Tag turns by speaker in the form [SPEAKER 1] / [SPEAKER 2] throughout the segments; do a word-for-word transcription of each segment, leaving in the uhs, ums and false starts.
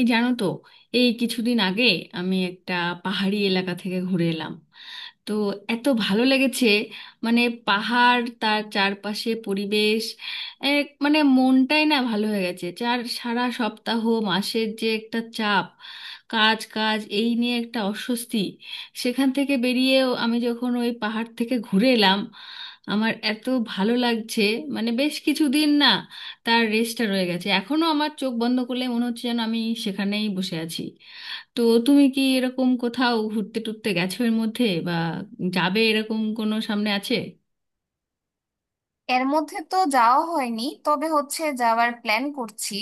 [SPEAKER 1] এই জানো তো, এই কিছুদিন আগে আমি একটা পাহাড়ি এলাকা থেকে ঘুরে এলাম। তো এত ভালো লেগেছে, মানে, পাহাড়, তার চারপাশে পরিবেশ, এক মানে মনটাই না ভালো হয়ে গেছে। চার সারা সপ্তাহ মাসের যে একটা চাপ, কাজ কাজ, এই নিয়ে একটা অস্বস্তি, সেখান থেকে বেরিয়েও আমি যখন ওই পাহাড় থেকে ঘুরে এলাম, আমার এত ভালো লাগছে। মানে বেশ কিছুদিন না, তার রেশটা রয়ে গেছে এখনো, আমার চোখ বন্ধ করলে মনে হচ্ছে যেন আমি সেখানেই বসে আছি। তো তুমি কি এরকম কোথাও ঘুরতে টুরতে গেছো এর মধ্যে, বা যাবে, এরকম কোনো সামনে আছে?
[SPEAKER 2] এর মধ্যে তো যাওয়া হয়নি, তবে হচ্ছে যাওয়ার প্ল্যান করছি।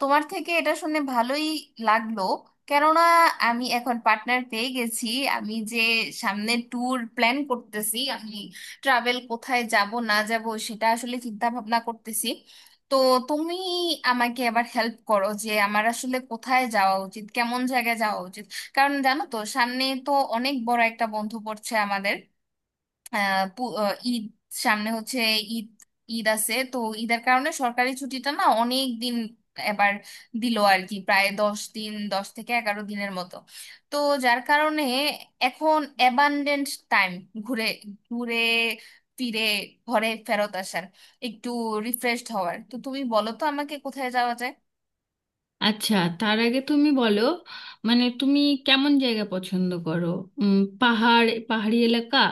[SPEAKER 2] তোমার থেকে এটা শুনে ভালোই লাগলো। কেননা আমি এখন পার্টনার পেয়ে গেছি। আমি যে সামনে ট্যুর প্ল্যান করতেছি, আমি ট্রাভেল কোথায় যাব না যাব সেটা আসলে চিন্তা ভাবনা করতেছি। তো তুমি আমাকে এবার হেল্প করো যে আমার আসলে কোথায় যাওয়া উচিত, কেমন জায়গায় যাওয়া উচিত। কারণ জানো তো, সামনে তো অনেক বড় একটা বন্ধ পড়ছে আমাদের। আহ পু- আহ, ঈদ সামনে হচ্ছে। ঈদ, ঈদ আছে তো। ঈদের কারণে সরকারি ছুটিটা না অনেক দিন এবার দিল আর কি, প্রায় দশ দিন, দশ থেকে এগারো দিনের মতো। তো যার কারণে এখন অ্যাবান্ডেন্ট টাইম ঘুরে ঘুরে ফিরে ঘরে ফেরত আসার, একটু রিফ্রেশড হওয়ার। তো তুমি বলো তো আমাকে কোথায় যাওয়া যায়।
[SPEAKER 1] আচ্ছা, তার আগে তুমি বলো, মানে তুমি কেমন জায়গা পছন্দ করো? উম, পাহাড়, পাহাড়ি এলাকা,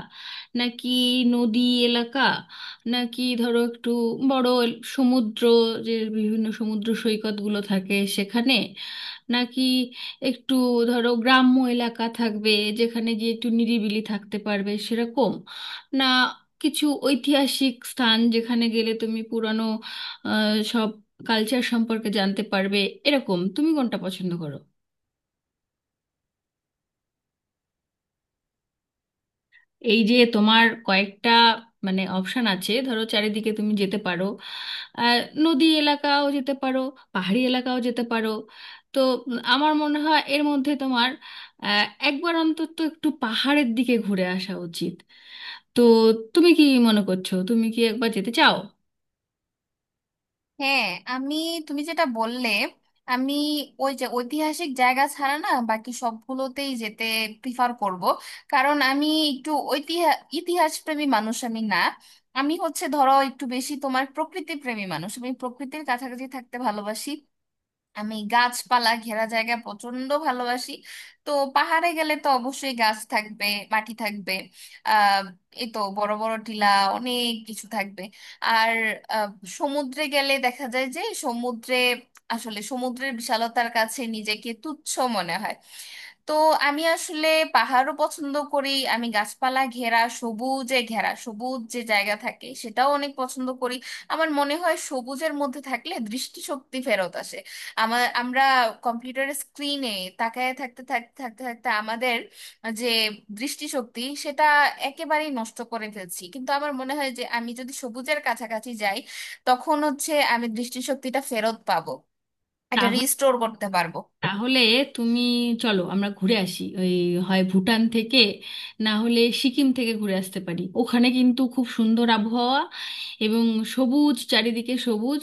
[SPEAKER 1] নাকি নদী এলাকা, নাকি ধরো একটু বড় এল- সমুদ্র, যে বিভিন্ন সমুদ্র সৈকতগুলো থাকে সেখানে, নাকি একটু ধরো গ্রাম্য এলাকা থাকবে যেখানে গিয়ে একটু নিরিবিলি থাকতে পারবে সেরকম, না কিছু ঐতিহাসিক স্থান যেখানে গেলে তুমি পুরানো কালচার সম্পর্কে জানতে পারবে, এরকম তুমি কোনটা পছন্দ করো? এই যে তোমার কয়েকটা, মানে, অপশন আছে, ধরো চারিদিকে তুমি যেতে পারো, আহ, নদী এলাকাও যেতে পারো, পাহাড়ি এলাকাও যেতে পারো। তো আমার মনে হয় এর মধ্যে তোমার আহ, একবার অন্তত একটু পাহাড়ের দিকে ঘুরে আসা উচিত। তো তুমি কি মনে করছো, তুমি কি একবার যেতে চাও?
[SPEAKER 2] হ্যাঁ, আমি, তুমি যেটা বললে, আমি ওই যে ঐতিহাসিক জায়গা ছাড়া না বাকি সবগুলোতেই যেতে প্রিফার করব। কারণ আমি একটু ঐতিহাস ইতিহাস প্রেমী মানুষ, আমি না আমি হচ্ছে ধরো একটু বেশি তোমার প্রকৃতি প্রেমী মানুষ, আমি প্রকৃতির কাছাকাছি থাকতে ভালোবাসি। আমি গাছপালা ঘেরা জায়গা প্রচন্ড ভালোবাসি। তো পাহাড়ে গেলে তো অবশ্যই গাছ থাকবে, মাটি থাকবে, আহ এই তো বড় বড় টিলা, অনেক কিছু থাকবে। আর আহ, সমুদ্রে গেলে দেখা যায় যে সমুদ্রে, আসলে সমুদ্রের বিশালতার কাছে নিজেকে তুচ্ছ মনে হয়। তো আমি আসলে পাহাড়ও পছন্দ করি, আমি গাছপালা ঘেরা, সবুজে ঘেরা সবুজ যে জায়গা থাকে সেটাও অনেক পছন্দ করি। আমার মনে হয় সবুজের মধ্যে থাকলে দৃষ্টিশক্তি ফেরত আসে। আমার, আমরা কম্পিউটারের স্ক্রিনে তাকায় থাকতে থাকতে থাকতে থাকতে আমাদের যে দৃষ্টিশক্তি, সেটা একেবারেই নষ্ট করে ফেলছি। কিন্তু আমার মনে হয় যে আমি যদি সবুজের কাছাকাছি যাই, তখন হচ্ছে আমি দৃষ্টিশক্তিটা ফেরত পাবো, এটা
[SPEAKER 1] তাহলে
[SPEAKER 2] রিস্টোর করতে পারবো।
[SPEAKER 1] তাহলে তুমি, চলো আমরা ঘুরে আসি, ওই হয় ভুটান থেকে, না হলে সিকিম থেকে ঘুরে আসতে পারি। ওখানে কিন্তু খুব সুন্দর আবহাওয়া, এবং সবুজ, চারিদিকে সবুজ,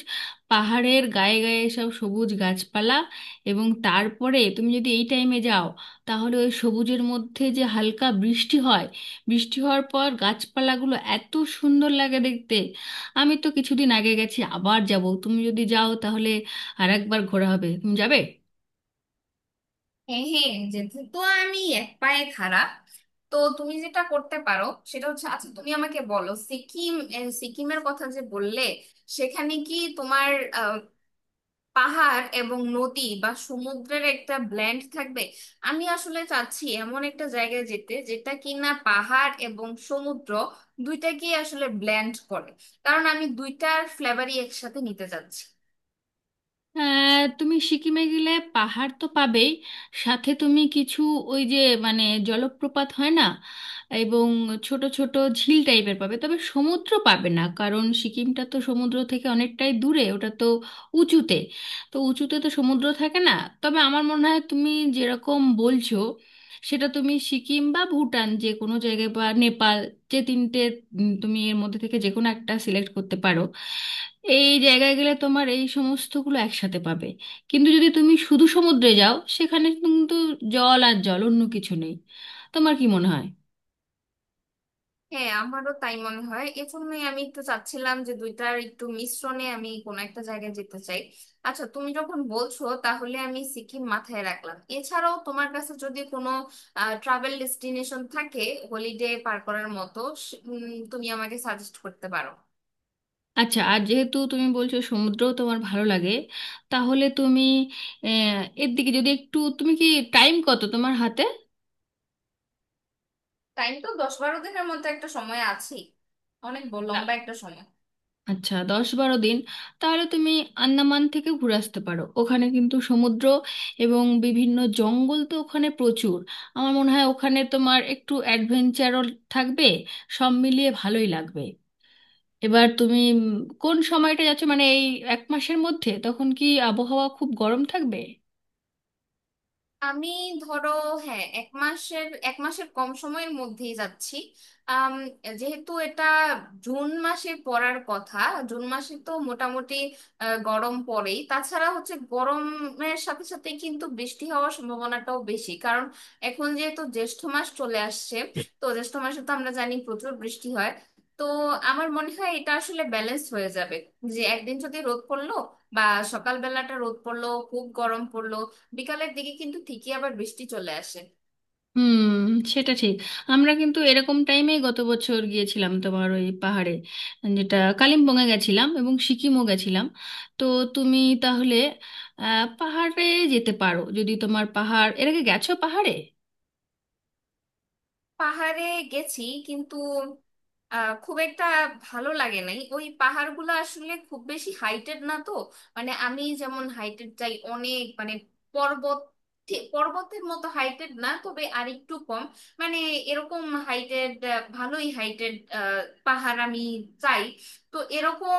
[SPEAKER 1] পাহাড়ের গায়ে গায়ে সব সবুজ গাছপালা। এবং তারপরে তুমি যদি এই টাইমে যাও, তাহলে ওই সবুজের মধ্যে যে হালকা বৃষ্টি হয়, বৃষ্টি হওয়ার পর গাছপালাগুলো এত সুন্দর লাগে দেখতে। আমি তো কিছুদিন আগে গেছি, আবার যাব। তুমি যদি যাও তাহলে আর একবার ঘোরা হবে। তুমি যাবে?
[SPEAKER 2] হ্যাঁ হ্যাঁ, যেহেতু তো আমি এক পায়ে খাড়া। তো তুমি যেটা করতে পারো সেটা হচ্ছে, আচ্ছা তুমি আমাকে বলো সিকিম, আহ, সিকিমের কথা যে বললে, সেখানে কি তোমার আহ, পাহাড় এবং নদী বা সমুদ্রের একটা ব্ল্যান্ড থাকবে? আমি আসলে চাচ্ছি এমন একটা জায়গায় যেতে যেটা কিনা পাহাড় এবং সমুদ্র দুইটাকেই আসলে ব্ল্যান্ড করে। কারণ আমি দুইটার ফ্লেভারই একসাথে নিতে চাচ্ছি।
[SPEAKER 1] আহ, তুমি সিকিমে গেলে পাহাড় তো পাবেই, সাথে তুমি কিছু ওই যে, মানে, জলপ্রপাত হয় না, এবং ছোট ছোট ঝিল টাইপের পাবে। তবে সমুদ্র পাবে না, কারণ সিকিমটা তো সমুদ্র থেকে অনেকটাই দূরে, ওটা তো উঁচুতে। তো উঁচুতে তো সমুদ্র থাকে না। তবে আমার মনে হয় তুমি যেরকম বলছো, সেটা তুমি সিকিম বা ভুটান যে কোনো জায়গায় বা নেপাল, যে তিনটে, উম, তুমি এর মধ্যে থেকে যে কোনো একটা সিলেক্ট করতে পারো। এই জায়গায় গেলে তোমার এই সমস্তগুলো একসাথে পাবে। কিন্তু যদি তুমি শুধু সমুদ্রে যাও, সেখানে কিন্তু জল আর জল, অন্য কিছু নেই। তোমার কি মনে হয়?
[SPEAKER 2] হ্যাঁ, আমারও তাই মনে হয়, এজন্যই আমি একটু চাচ্ছিলাম যে দুইটার একটু মিশ্রণে আমি কোনো একটা জায়গায় যেতে চাই। আচ্ছা তুমি যখন বলছো তাহলে আমি সিকিম মাথায় রাখলাম। এছাড়াও তোমার কাছে যদি কোনো ট্রাভেল ডেস্টিনেশন থাকে হলিডে পার করার মতো, সে- উম, তুমি আমাকে সাজেস্ট করতে পারো।
[SPEAKER 1] আচ্ছা, আর যেহেতু তুমি বলছো সমুদ্র তোমার ভালো লাগে, তাহলে তুমি আহ, এর দিকে যদি একটু, তুমি কি, টাইম কত তোমার হাতে?
[SPEAKER 2] টাইম তো দশ বারো দিনের মতো একটা সময় আছে, অনেক ব- লম্বা একটা সময়।
[SPEAKER 1] আচ্ছা, দশ বারো দিন। তাহলে তুমি আন্দামান থেকে ঘুরে আসতে পারো। ওখানে কিন্তু সমুদ্র এবং বিভিন্ন জঙ্গল তো ওখানে প্রচুর। আমার মনে হয় ওখানে তোমার একটু অ্যাডভেঞ্চারও থাকবে, সব মিলিয়ে ভালোই লাগবে। এবার তুমি উম, কোন সময়টা যাচ্ছ, মানে এই এক মাসের মধ্যে তখন কি আবহাওয়া খুব গরম থাকবে?
[SPEAKER 2] আমি ধরো হ্যাঁ, এক মাসের এক মাসের কম সময়ের মধ্যেই যাচ্ছি। আম, যেহেতু এটা জুন মাসে পড়ার কথা, জুন মাসে তো মোটামুটি আহ, গরম পড়েই। তাছাড়া হচ্ছে গরমের সাথে সাথে কিন্তু বৃষ্টি হওয়ার সম্ভাবনাটাও বেশি, কারণ এখন যেহেতু জ্যৈষ্ঠ মাস চলে আসছে। তো জ্যৈষ্ঠ মাসে তো আমরা জানি প্রচুর বৃষ্টি হয়। তো আমার মনে হয় এটা আসলে ব্যালেন্স হয়ে যাবে। যে একদিন যদি রোদ পড়লো, বা সকালবেলাটা রোদ পড়লো, খুব গরম পড়লো, বিকালের দিকে কিন্তু ঠিকই আবার বৃষ্টি চলে আসে।
[SPEAKER 1] হুম, সেটা ঠিক। আমরা কিন্তু এরকম টাইমেই গত বছর গিয়েছিলাম তোমার, ওই পাহাড়ে, যেটা কালিম্পংয়ে গেছিলাম এবং সিকিমও গেছিলাম। তো তুমি তাহলে আহ, পাহাড়ে যেতে পারো, যদি তোমার পাহাড়, এর আগে গেছো পাহাড়ে?
[SPEAKER 2] পাহাড়ে গেছি, কিন্তু আহ, খুব একটা ভালো লাগে নাই। ওই পাহাড়গুলো আসলে খুব বেশি হাইটেড না তো। মানে আমি যেমন হাইটেড চাই, অনেক, মানে পর্বত, ঠিক পর্বতের মতো হাইটেড না, তবে আরেকটু কম মানে, এরকম হাইটেড, ভালোই হাইটেড পাহাড় আমি চাই। তো এরকম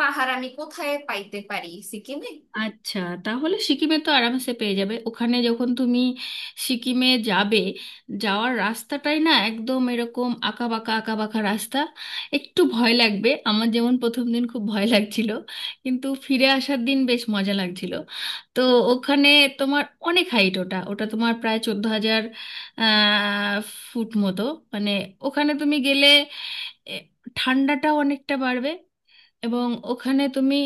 [SPEAKER 2] পাহাড় আমি কোথায় পাইতে পারি সিকিমে?
[SPEAKER 1] আচ্ছা, তাহলে সিকিমে তো আরামসে পেয়ে যাবে। ওখানে যখন তুমি সিকিমে যাবে, যাওয়ার রাস্তাটাই না একদম এরকম আঁকা বাঁকা, আঁকা বাঁকা রাস্তা। একটু ভয় লাগবে, আমার যেমন প্রথম দিন খুব ভয় লাগছিল, কিন্তু ফিরে আসার দিন বেশ মজা লাগছিল। তো ওখানে তোমার অনেক হাইট, ওটা ওটা তোমার প্রায় চোদ্দ হাজার ফুট মতো। মানে ওখানে তুমি গেলে এ, ঠান্ডাটাও অনেকটা বাড়বে। এবং ওখানে তুমি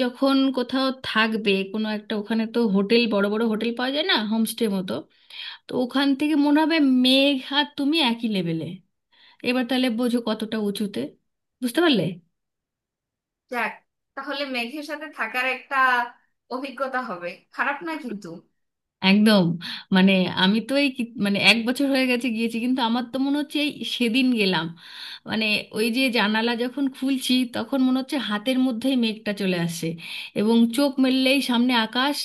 [SPEAKER 1] যখন কোথাও থাকবে, কোনো একটা, ওখানে তো হোটেল, বড় বড় হোটেল পাওয়া যায় না, হোমস্টে মতো। তো ওখান থেকে মনে হবে মেঘ আর তুমি একই লেভেলে। এবার তাহলে বোঝো কতটা উঁচুতে। বুঝতে পারলে?
[SPEAKER 2] যাক, তাহলে মেঘের সাথে থাকার একটা অভিজ্ঞতা হবে, খারাপ না কিন্তু।
[SPEAKER 1] একদম। মানে আমি তো এই কি- মানে এক বছর হয়ে গেছে গিয়েছি, কিন্তু আমার তো মনে হচ্ছে এই সেদিন গেলাম। মানে ওই যে জানালা যখন খুলছি তখন মনে হচ্ছে হাতের মধ্যেই মেঘটা চলে আসে, এবং চোখ মেললেই সামনে আকাশ।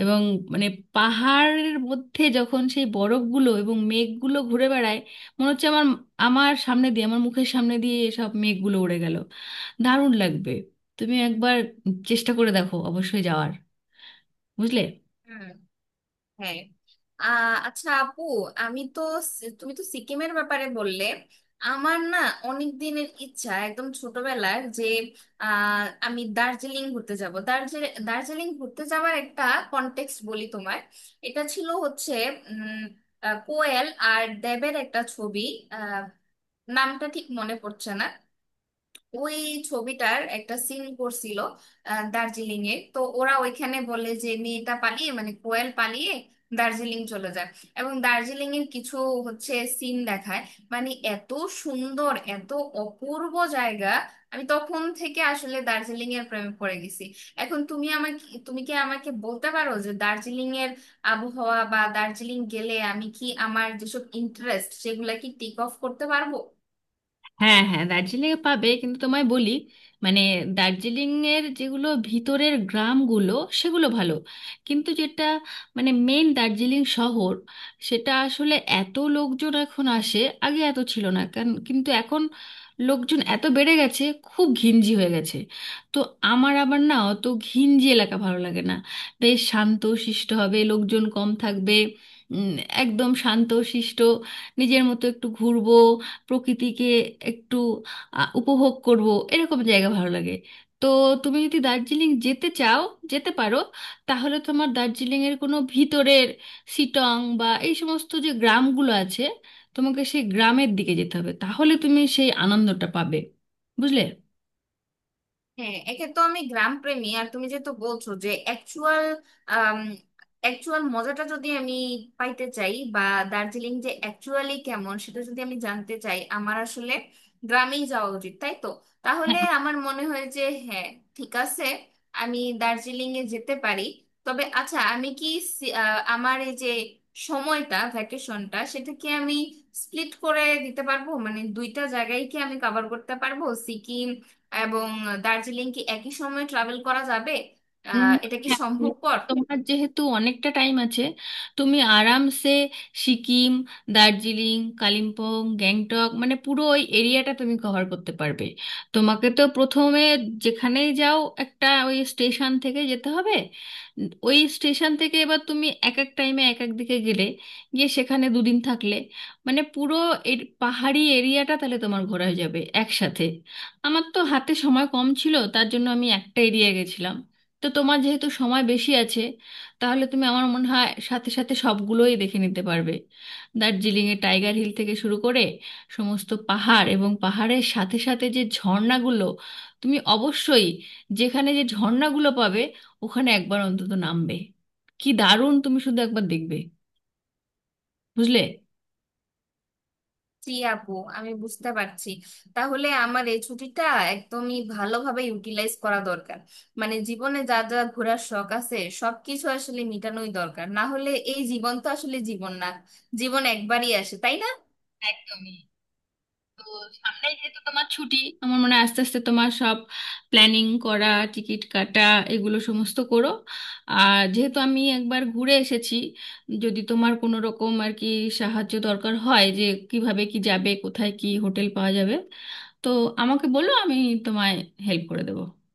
[SPEAKER 1] এবং মানে পাহাড়ের মধ্যে যখন সেই বরফগুলো এবং মেঘগুলো ঘুরে বেড়ায়, মনে হচ্ছে আমার, আমার সামনে দিয়ে, আমার মুখের সামনে দিয়ে এসব মেঘগুলো উড়ে গেল। দারুণ লাগবে। তুমি একবার চেষ্টা করে দেখো অবশ্যই যাওয়ার। বুঝলে?
[SPEAKER 2] হুম, হ্যাঁ। আহ আচ্ছা আপু, আমি তো সি- তুমি তো সিকিমের ব্যাপারে বললে, আমার না অনেক দিনের ইচ্ছা একদম ছোটবেলার যে আহ আমি দার্জিলিং ঘুরতে যাব। দার্জিলিং দার্জিলিং ঘুরতে যাওয়ার একটা কনটেক্সট বলি তোমার। এটা ছিল হচ্ছে উম আহ, কোয়েল আর দেবের একটা ছবি, আহ নামটা ঠিক মনে পড়ছে না। ওই ছবিটার একটা সিন করছিল, আহ, দার্জিলিং এ, তো ওরা ওইখানে বলে যে মেয়েটা পালিয়ে মানে কোয়েল পালিয়ে দার্জিলিং চলে যায়। এবং দার্জিলিং এর কিছু হচ্ছে সিন দেখায়, মানে এত সুন্দর, এত অপূর্ব জায়গা। আমি তখন থেকে আসলে দার্জিলিং এর প্রেমে পড়ে গেছি। এখন তুমি আমাকে, তুমি কি আমাকে বলতে পারো যে দার্জিলিং এর আবহাওয়া বা দার্জিলিং গেলে আমি কি আমার যেসব ইন্টারেস্ট সেগুলা কি টেক অফ করতে পারবো?
[SPEAKER 1] হ্যাঁ, হ্যাঁ, দার্জিলিং এ পাবে, কিন্তু তোমায় বলি, মানে, দার্জিলিং এর যেগুলো ভিতরের গ্রামগুলো, সেগুলো ভালো। কিন্তু যেটা, মানে, মেন দার্জিলিং শহর, সেটা আসলে এত লোকজন এখন আসে, আগে এত ছিল না, কারণ, কিন্তু এখন লোকজন এত বেড়ে গেছে, খুব ঘিঞ্জি হয়ে গেছে। তো আমার আবার না অত ঘিঞ্জি এলাকা ভালো লাগে না। বেশ শান্ত শিষ্ট হবে, লোকজন কম থাকবে, উম, একদম শান্ত শিষ্ট, নিজের মতো একটু ঘুরবো, প্রকৃতিকে একটু আহ, উপভোগ করব, এরকম জায়গা ভালো লাগে। তো তুমি যদি দার্জিলিং যেতে চাও, যেতে পারো। তাহলে তোমার দার্জিলিংয়ের কোনো ভিতরের সিটং বা এই সমস্ত যে গ্রামগুলো আছে, তোমাকে সেই গ্রামের দিকে যেতে হবে, তাহলে তুমি সেই আনন্দটা পাবে। বুঝলে?
[SPEAKER 2] হ্যাঁ, একে তো আমি গ্রাম প্রেমী, আর তুমি যেহেতু বলছো যে অ্যাকচুয়াল অ্যাকচুয়াল মজাটা যদি আমি পাইতে চাই, বা দার্জিলিং যে অ্যাকচুয়ালি কেমন সেটা যদি আমি জানতে চাই, আমার আসলে গ্রামেই যাওয়া উচিত, তাই তো? তাহলে আমার মনে হয় যে হ্যাঁ, ঠিক আছে, আমি দার্জিলিং এ যেতে পারি। তবে আচ্ছা, আমি কি সি- আহ, আমার এই যে সময়টা ভ্যাকেশনটা, সেটা কি আমি স্প্লিট করে দিতে পারবো? মানে দুইটা জায়গায় কি আমি কভার করতে পারবো, সিকিম এবং দার্জিলিং কি একই সময়ে ট্রাভেল করা যাবে?
[SPEAKER 1] উম,
[SPEAKER 2] আহ এটা কি
[SPEAKER 1] হ্যাঁ,
[SPEAKER 2] সম্ভবপর?
[SPEAKER 1] তোমার যেহেতু অনেকটা টাইম আছে, তুমি আরামসে সিকিম, দার্জিলিং, কালিম্পং, গ্যাংটক, মানে পুরো ওই এরিয়াটা তুমি কভার করতে পারবে। তোমাকে তো প্রথমে যেখানেই যাও একটা ওই স্টেশন থেকে যেতে হবে। উম, ওই স্টেশন থেকে এবার তুমি এক এক টাইমে এক এক দিকে গেলে, গিয়ে সেখানে দুদিন থাকলে, মানে পুরো এর পাহাড়ি এরিয়াটা তাহলে তোমার ঘোরা হয়ে যাবে একসাথে। আমার তো হাতে সময় কম ছিল, তার জন্য আমি একটা এরিয়া গেছিলাম। তো তোমার যেহেতু সময় বেশি আছে, তাহলে তুমি, আমার মনে হয়, সাথে সাথে সবগুলোই দেখে নিতে পারবে। দার্জিলিংয়ে টাইগার হিল থেকে শুরু করে সমস্ত পাহাড়, এবং পাহাড়ের সাথে সাথে যে ঝর্ণাগুলো, তুমি অবশ্যই, যেখানে যে ঝর্ণাগুলো পাবে ওখানে একবার অন্তত নামবে। কি দারুণ, তুমি শুধু একবার দেখবে। বুঝলে?
[SPEAKER 2] জি আপু, আমি বুঝতে পারছি। তাহলে আমার এই ছুটিটা একদমই ভালোভাবে ইউটিলাইজ করা দরকার। মানে জীবনে যা যা ঘোরার শখ আছে সবকিছু আসলে মিটানোই দরকার, না হলে এই জীবন তো আসলে জীবন না। জীবন একবারই আসে, তাই না?
[SPEAKER 1] একদমই। তো সামনে যেহেতু তোমার ছুটি, আমার মনে হয় আস্তে আস্তে তোমার সব প্ল্যানিং করা, টিকিট কাটা, এগুলো সমস্ত করো। আর যেহেতু আমি একবার ঘুরে এসেছি, যদি তোমার কোনো রকম আর কি সাহায্য দরকার হয়, যে কিভাবে কি যাবে, কোথায় কি হোটেল পাওয়া যাবে, তো আমাকে বলো, আমি তোমায় হেল্প করে দেবো।